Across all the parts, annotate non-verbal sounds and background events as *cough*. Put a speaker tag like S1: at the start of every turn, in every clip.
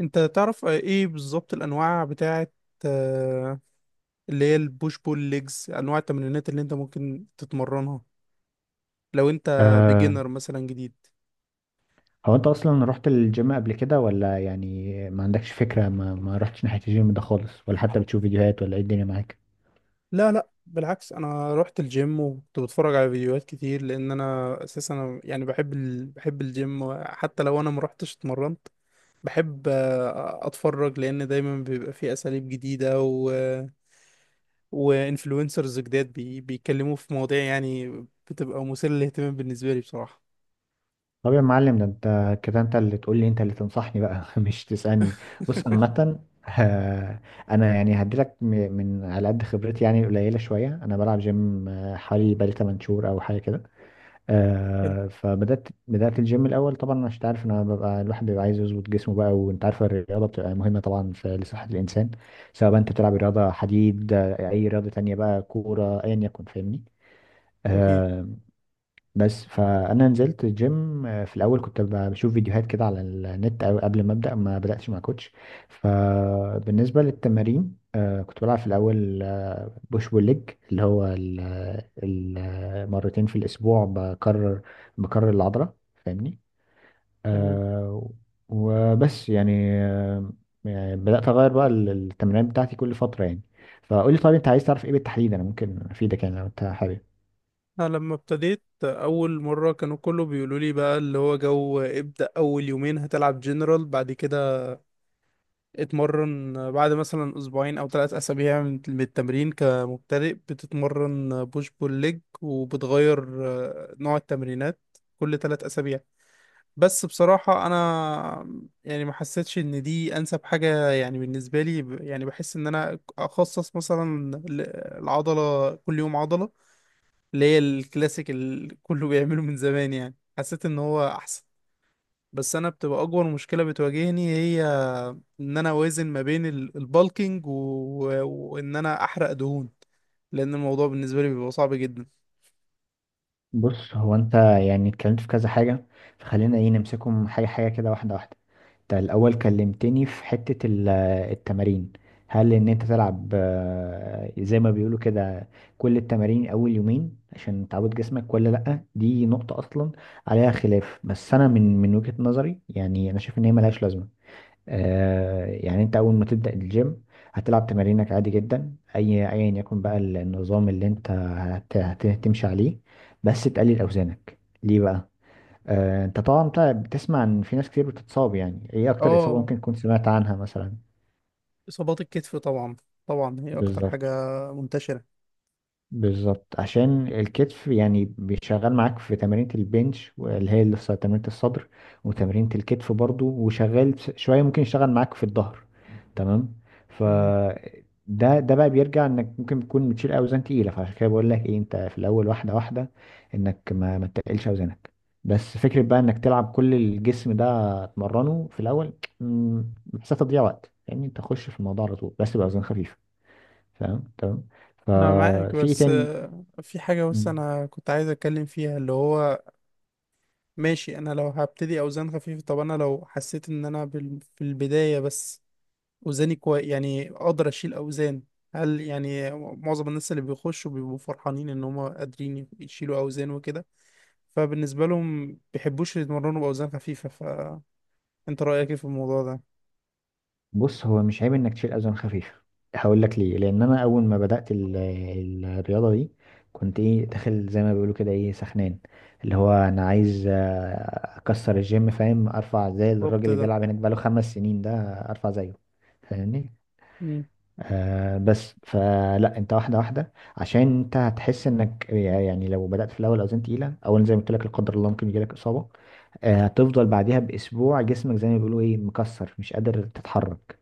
S1: انت تعرف ايه بالظبط الانواع بتاعت آه، اللي هي البوش بول ليجز، انواع التمرينات اللي انت ممكن تتمرنها لو انت
S2: أه
S1: بيجنر مثلا جديد؟
S2: هو انت اصلا رحت الجيم قبل كده ولا يعني ما عندكش فكرة، ما رحتش ناحية الجيم ده خالص، ولا حتى بتشوف فيديوهات، ولا ايه الدنيا معاك؟
S1: لا لا، بالعكس، انا رحت الجيم وكنت بتفرج على فيديوهات كتير، لان انا اساسا يعني بحب بحب الجيم حتى لو انا ما رحتش اتمرنت. بحب اتفرج، لان دايما بيبقى فيه اساليب جديدة وانفلونسرز جداد بيتكلموا في مواضيع يعني بتبقى مثيرة للاهتمام بالنسبة لي بصراحة.
S2: طب يا معلم، ده انت كده انت اللي تقول لي، انت اللي تنصحني بقى *laughs* مش تسألني. بص عامة، آه، انا يعني هديلك من على قد خبرتي، يعني قليلة شوية. انا بلعب جيم حوالي بقالي 8 شهور او حاجة كده. فبدأت الجيم الأول، طبعا عشان تعرف إن أنا ببقى الواحد بيبقى عايز يظبط جسمه بقى، وأنت عارف الرياضة بتبقى مهمة طبعا في لصحة الإنسان، سواء بقى أنت بتلعب رياضة حديد أي رياضة تانية بقى كورة أيا يكن، فاهمني.
S1: أكيد.
S2: آه بس فأنا نزلت الجيم في الأول كنت بشوف فيديوهات كده على النت، أو قبل ما أبدأ ما بدأتش مع كوتش. فبالنسبة للتمارين كنت بلعب في الأول بوش بول ليج، اللي هو ال ال مرتين في الأسبوع، بكرر العضلة، فاهمني.
S1: تمام.
S2: آه وبس يعني. آه يعني بدأت أغير بقى التمرينات بتاعتي كل فترة يعني. فقولي طيب، أنت عايز تعرف إيه بالتحديد، أنا ممكن أفيدك يعني لو أنت حابب.
S1: أنا لما ابتديت أول مرة كانوا كله بيقولوا لي بقى اللي هو جو، ابدأ أول يومين هتلعب جنرال، بعد كده اتمرن بعد مثلا أسبوعين أو ثلاث أسابيع من التمرين كمبتدئ بتتمرن بوش بول ليج، وبتغير نوع التمرينات كل ثلاث أسابيع. بس بصراحة أنا يعني ما حسيتش إن دي أنسب حاجة يعني بالنسبة لي، يعني بحس إن أنا أخصص مثلا العضلة، كل يوم عضلة، اللي هي الكلاسيك اللي كله بيعمله من زمان، يعني حسيت ان هو احسن. بس انا بتبقى اكبر مشكلة بتواجهني هي ان انا اوازن ما بين البالكينج وان انا احرق دهون، لان الموضوع بالنسبة لي بيبقى صعب جدا.
S2: بص، هو انت يعني اتكلمت في كذا حاجة، فخلينا ايه نمسكهم حاجة حاجة كده، واحدة واحدة. انت الأول كلمتني في حتة التمارين. هل ان انت تلعب زي ما بيقولوا كده كل التمارين اول يومين عشان تعود جسمك، ولا لأ؟ دي نقطة اصلا عليها خلاف، بس انا من وجهة نظري يعني انا شايف ان هي ملهاش لازمة. يعني انت اول ما تبدأ الجيم هتلعب تمارينك عادي جدا، اي ايا يكن بقى النظام اللي انت هتمشي عليه، بس تقلل اوزانك. ليه بقى؟ انت طبعا بتسمع ان في ناس كتير بتتصاب. يعني ايه اكتر اصابة
S1: اه،
S2: ممكن تكون سمعت عنها مثلا؟
S1: اصابات الكتف طبعا. طبعا هي اكتر
S2: بالظبط.
S1: حاجة منتشرة.
S2: بالظبط، عشان الكتف يعني بيشغل معاك في تمارين البنش اللي هي اللي في تمرينة الصدر، وتمرينة الكتف برضو، وشغال شوية ممكن يشتغل معاك في الظهر. تمام. ف
S1: تمام.
S2: ده بقى بيرجع انك ممكن تكون بتشيل اوزان تقيله، فعشان كده بقول لك ايه، انت في الاول واحده واحده، انك ما تقلش اوزانك، بس فكره بقى انك تلعب كل الجسم ده، تمرنه في الاول. بحسها تضييع وقت يعني. انت تخش في الموضوع على طول، بس باوزان خفيفه، فاهم. تمام.
S1: انا معاك،
S2: ففي ايه
S1: بس
S2: تاني؟
S1: في حاجة بس
S2: مم.
S1: انا كنت عايز اتكلم فيها اللي هو، ماشي، انا لو هبتدي اوزان خفيفة، طب انا لو حسيت ان انا في البداية بس وزني كويس يعني اقدر اشيل اوزان، هل يعني معظم الناس اللي بيخشوا بيبقوا فرحانين ان هم قادرين يشيلوا اوزان وكده، فبالنسبه لهم بيحبوش يتمرنوا باوزان خفيفه، فانت رايك ايه في الموضوع ده؟
S2: بص، هو مش عيب انك تشيل اوزان خفيفه. هقول لك ليه، لان انا اول ما بدات الرياضه دي كنت ايه داخل زي ما بيقولوا كده ايه سخنان، اللي هو انا عايز اكسر الجيم، فاهم، ارفع زي الراجل
S1: بالظبط
S2: اللي
S1: ده.
S2: بيلعب هناك بقاله 5 سنين ده، ارفع زيه، فاهمني.
S1: مم.
S2: بس فلا، انت واحده واحده، عشان انت هتحس انك يعني لو بدات في الاول اوزان تقيله، اولا زي ما قلت لك لا قدر الله ممكن يجيلك اصابه. هتفضل بعديها باسبوع جسمك زي ما بيقولوا ايه مكسر مش قادر تتحرك.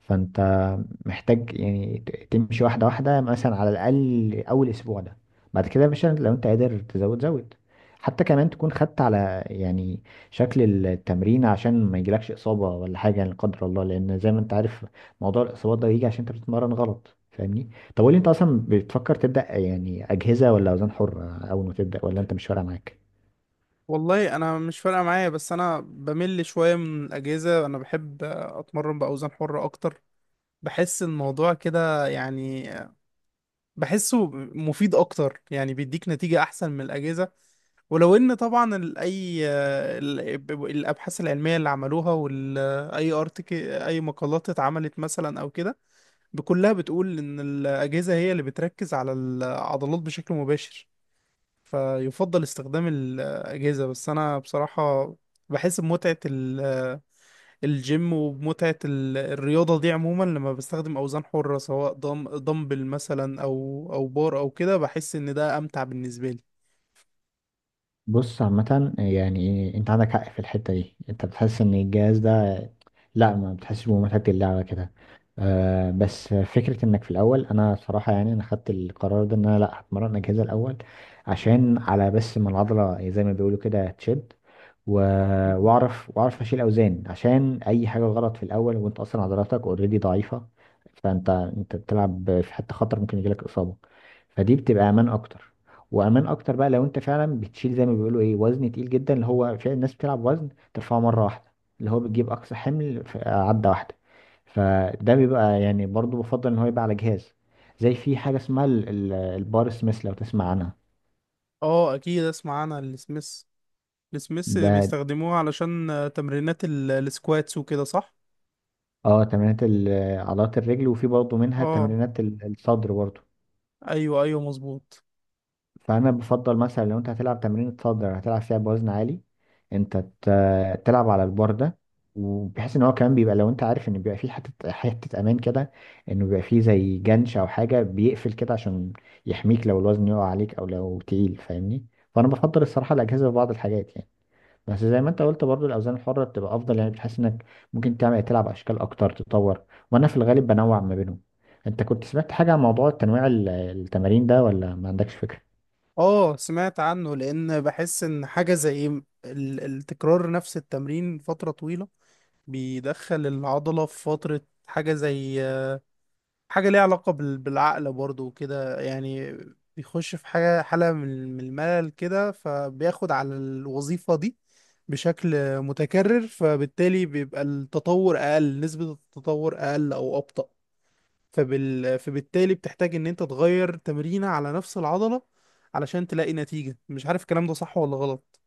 S2: فانت محتاج يعني تمشي واحدة واحدة، مثلا على الأقل أول أسبوع ده. بعد كده يا باشا لو أنت قادر تزود زود، حتى كمان تكون خدت على يعني شكل التمرين، عشان ما يجيلكش إصابة ولا حاجة يعني، لا قدر الله، لأن زي ما أنت عارف موضوع الإصابات ده بيجي عشان أنت بتتمرن غلط، فاهمني. طب قول لي، أنت أصلا بتفكر تبدأ يعني أجهزة ولا أوزان حرة أول ما تبدأ، ولا أنت مش فارقة معاك؟
S1: والله انا مش فارقه معايا، بس انا بمل شويه من الاجهزه، انا بحب اتمرن باوزان حره اكتر. بحس الموضوع كده يعني، بحسه مفيد اكتر، يعني بيديك نتيجة احسن من الاجهزة. ولو ان طبعا الابحاث العلميه اللي عملوها واي ارتك اي مقالات اتعملت مثلا او كده، بكلها بتقول ان الاجهزه هي اللي بتركز على العضلات بشكل مباشر، فيفضل استخدام الاجهزه. بس انا بصراحه بحس بمتعه الجيم ومتعة الرياضة دي عموما لما بستخدم أوزان حرة، سواء دمبل مثلا أو بار أو كده، بحس إن ده أمتع بالنسبة لي.
S2: بص عامة، يعني انت عندك حق في الحتة دي، انت بتحس ان الجهاز لا، ما بتحسش بمتعة اللعبة كده. بس فكرة انك في الاول، انا صراحة يعني انا خدت القرار ده ان انا لا هتمرن اجهزة الاول، عشان على بس ما العضلة زي ما بيقولوا كده تشد، و-
S1: مم.
S2: واعرف اشيل اوزان، عشان اي حاجة غلط في الاول وانت اصلا عضلاتك اوريدي ضعيفة، فانت انت بتلعب في حتة خطر، ممكن يجيلك اصابة. فدي بتبقى امان اكتر، وامان اكتر بقى لو انت فعلا بتشيل زي ما بيقولوا ايه وزن تقيل جدا، اللي هو في ناس بتلعب وزن ترفعه مرة واحدة، اللي هو بتجيب أقصى حمل في عدة واحدة. فده بيبقى يعني، برضو بفضل إن هو يبقى على جهاز، زي في حاجة اسمها البار سميث، لو تسمع عنها.
S1: اه، اكيد اسمع عنها السميث. السميث
S2: ده
S1: بيستخدموها علشان تمرينات السكواتس وكده، صح؟
S2: اه تمرينات عضلات الرجل، وفي برضو منها
S1: اه،
S2: تمرينات الصدر برضو.
S1: ايوه ايوه، مظبوط.
S2: فانا بفضل مثلا لو انت هتلعب تمرين الصدر هتلعب فيها بوزن عالي، انت تلعب على البار ده، وبحيث ان هو كمان بيبقى لو انت عارف ان بيبقى فيه حته حته امان كده، انه بيبقى فيه زي جنش او حاجه بيقفل كده عشان يحميك لو الوزن يقع عليك او لو تقيل، فاهمني. فانا بفضل الصراحه الاجهزه في بعض الحاجات يعني، بس زي ما انت قلت برضو الاوزان الحره بتبقى افضل، يعني بتحس انك ممكن تعمل تلعب اشكال اكتر، تطور، وانا في الغالب بنوع ما بينهم. انت كنت سمعت حاجه عن موضوع تنويع التمارين ده، ولا ما عندكش فكره؟
S1: اه، سمعت عنه، لان بحس ان حاجه زي التكرار نفس التمرين فتره طويله بيدخل العضله في فتره، حاجه زي حاجة ليها علاقة بالعقل برضو وكده، يعني بيخش في حاجة، حالة من الملل كده، فبياخد على الوظيفة دي بشكل متكرر، فبالتالي بيبقى التطور أقل، نسبة التطور أقل أو أبطأ، فبالتالي بتحتاج إن أنت تغير تمرينة على نفس العضلة علشان تلاقي نتيجة. مش عارف الكلام ده صح ولا غلط؟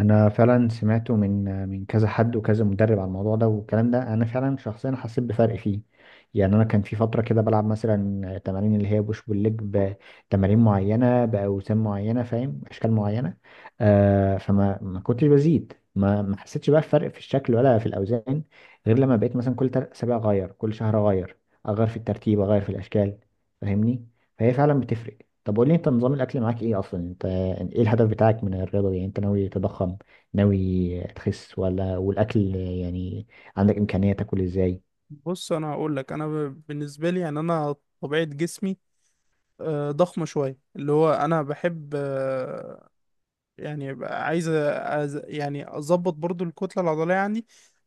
S2: انا فعلا سمعته من كذا حد وكذا مدرب على الموضوع ده، والكلام ده انا فعلا شخصيا حسيت بفرق فيه. يعني انا كان في فتره كده بلعب مثلا تمارين اللي هي بوش بول ليج، بتمارين معينه باوزان معينه، فاهم اشكال معينه. فما ما كنتش بزيد، ما حسيتش بقى فرق في الشكل ولا في الاوزان، غير لما بقيت مثلا كل اسابيع اغير، كل شهر اغير، اغير في الترتيب اغير في الاشكال، فاهمني. فهي فعلا بتفرق. طب قول لي انت، نظام الاكل معاك ايه اصلا انت، يعني ايه الهدف بتاعك من الرياضة دي؟ يعني انت ناوي تضخم، ناوي تخس، ولا والاكل يعني عندك امكانية تاكل ازاي؟
S1: بص، أنا هقول لك، أنا بالنسبة لي يعني، أنا طبيعة جسمي ضخمة شوية، اللي هو أنا بحب يعني بقى، عايز يعني اظبط برضو الكتله العضليه عندي،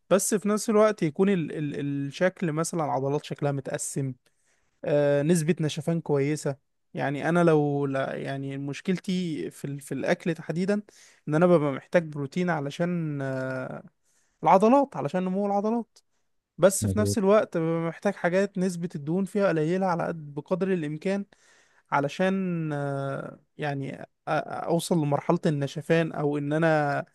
S1: بس في نفس الوقت يكون الشكل مثلا العضلات شكلها متقسم، نسبه نشفان كويسه. يعني انا لو لا، يعني مشكلتي في الاكل تحديدا، ان انا ببقى محتاج بروتين علشان العضلات، علشان نمو العضلات، بس في نفس
S2: مظبوط.
S1: الوقت ببقى محتاج حاجات نسبه الدهون فيها قليله على قد بقدر الامكان، علشان يعني اوصل لمرحله النشفان، او ان انا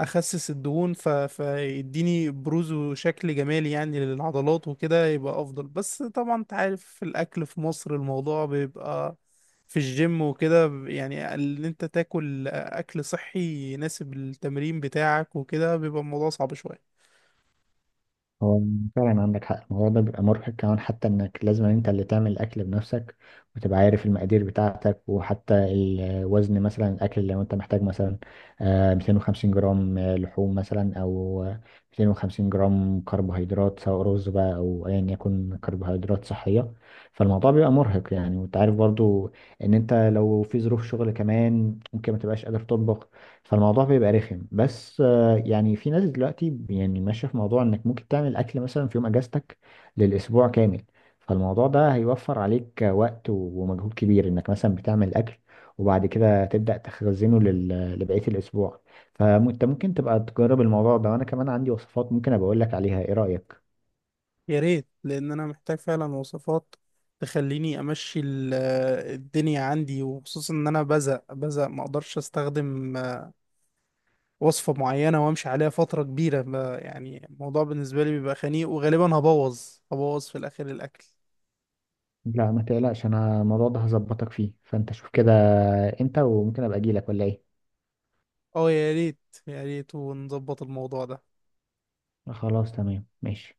S1: اخسس الدهون فيديني بروز وشكل جمالي يعني للعضلات وكده يبقى افضل. بس طبعا انت عارف في الاكل في مصر الموضوع بيبقى في الجيم وكده يعني ان انت تاكل اكل صحي يناسب التمرين بتاعك وكده، بيبقى الموضوع صعب شوية.
S2: هو فعلا عندك حق، الموضوع ده بيبقى مرهق كمان، حتى انك لازم انت اللي تعمل الاكل بنفسك، وتبقى عارف المقادير بتاعتك، وحتى الوزن مثلا الاكل لو انت محتاج مثلا 250 جرام لحوم مثلا او 250 جرام كربوهيدرات، سواء رز بقى او ايا يكن كربوهيدرات صحية. فالموضوع بيبقى مرهق يعني، وانت عارف برضو ان انت لو في ظروف شغل كمان ممكن ما تبقاش قادر تطبخ. فالموضوع بيبقى رخم. بس يعني في ناس دلوقتي يعني ماشية في موضوع انك ممكن تعمل اكل مثلا في يوم اجازتك للاسبوع كامل، فالموضوع ده هيوفر عليك وقت ومجهود كبير، انك مثلا بتعمل اكل وبعد كده تبدأ تخزنه لبقية الاسبوع. فانت ممكن تبقى تجرب الموضوع ده، وانا كمان عندي وصفات ممكن ابقى اقول لك عليها. ايه رأيك؟
S1: يا ريت، لان انا محتاج فعلا وصفات تخليني امشي الدنيا عندي، وخصوصا ان انا بزق بزق ما اقدرش استخدم وصفة معينة وامشي عليها فترة كبيرة، يعني الموضوع بالنسبة لي بيبقى خنيق وغالبا هبوظ، هبوظ في الاخر الاكل.
S2: لا ما تقلقش، انا الموضوع ده هظبطك فيه، فانت شوف كده امتى وممكن ابقى اجي لك، ولا ايه؟
S1: اه، يا ريت. يا ريت، ونظبط الموضوع ده.
S2: خلاص تمام، ماشي.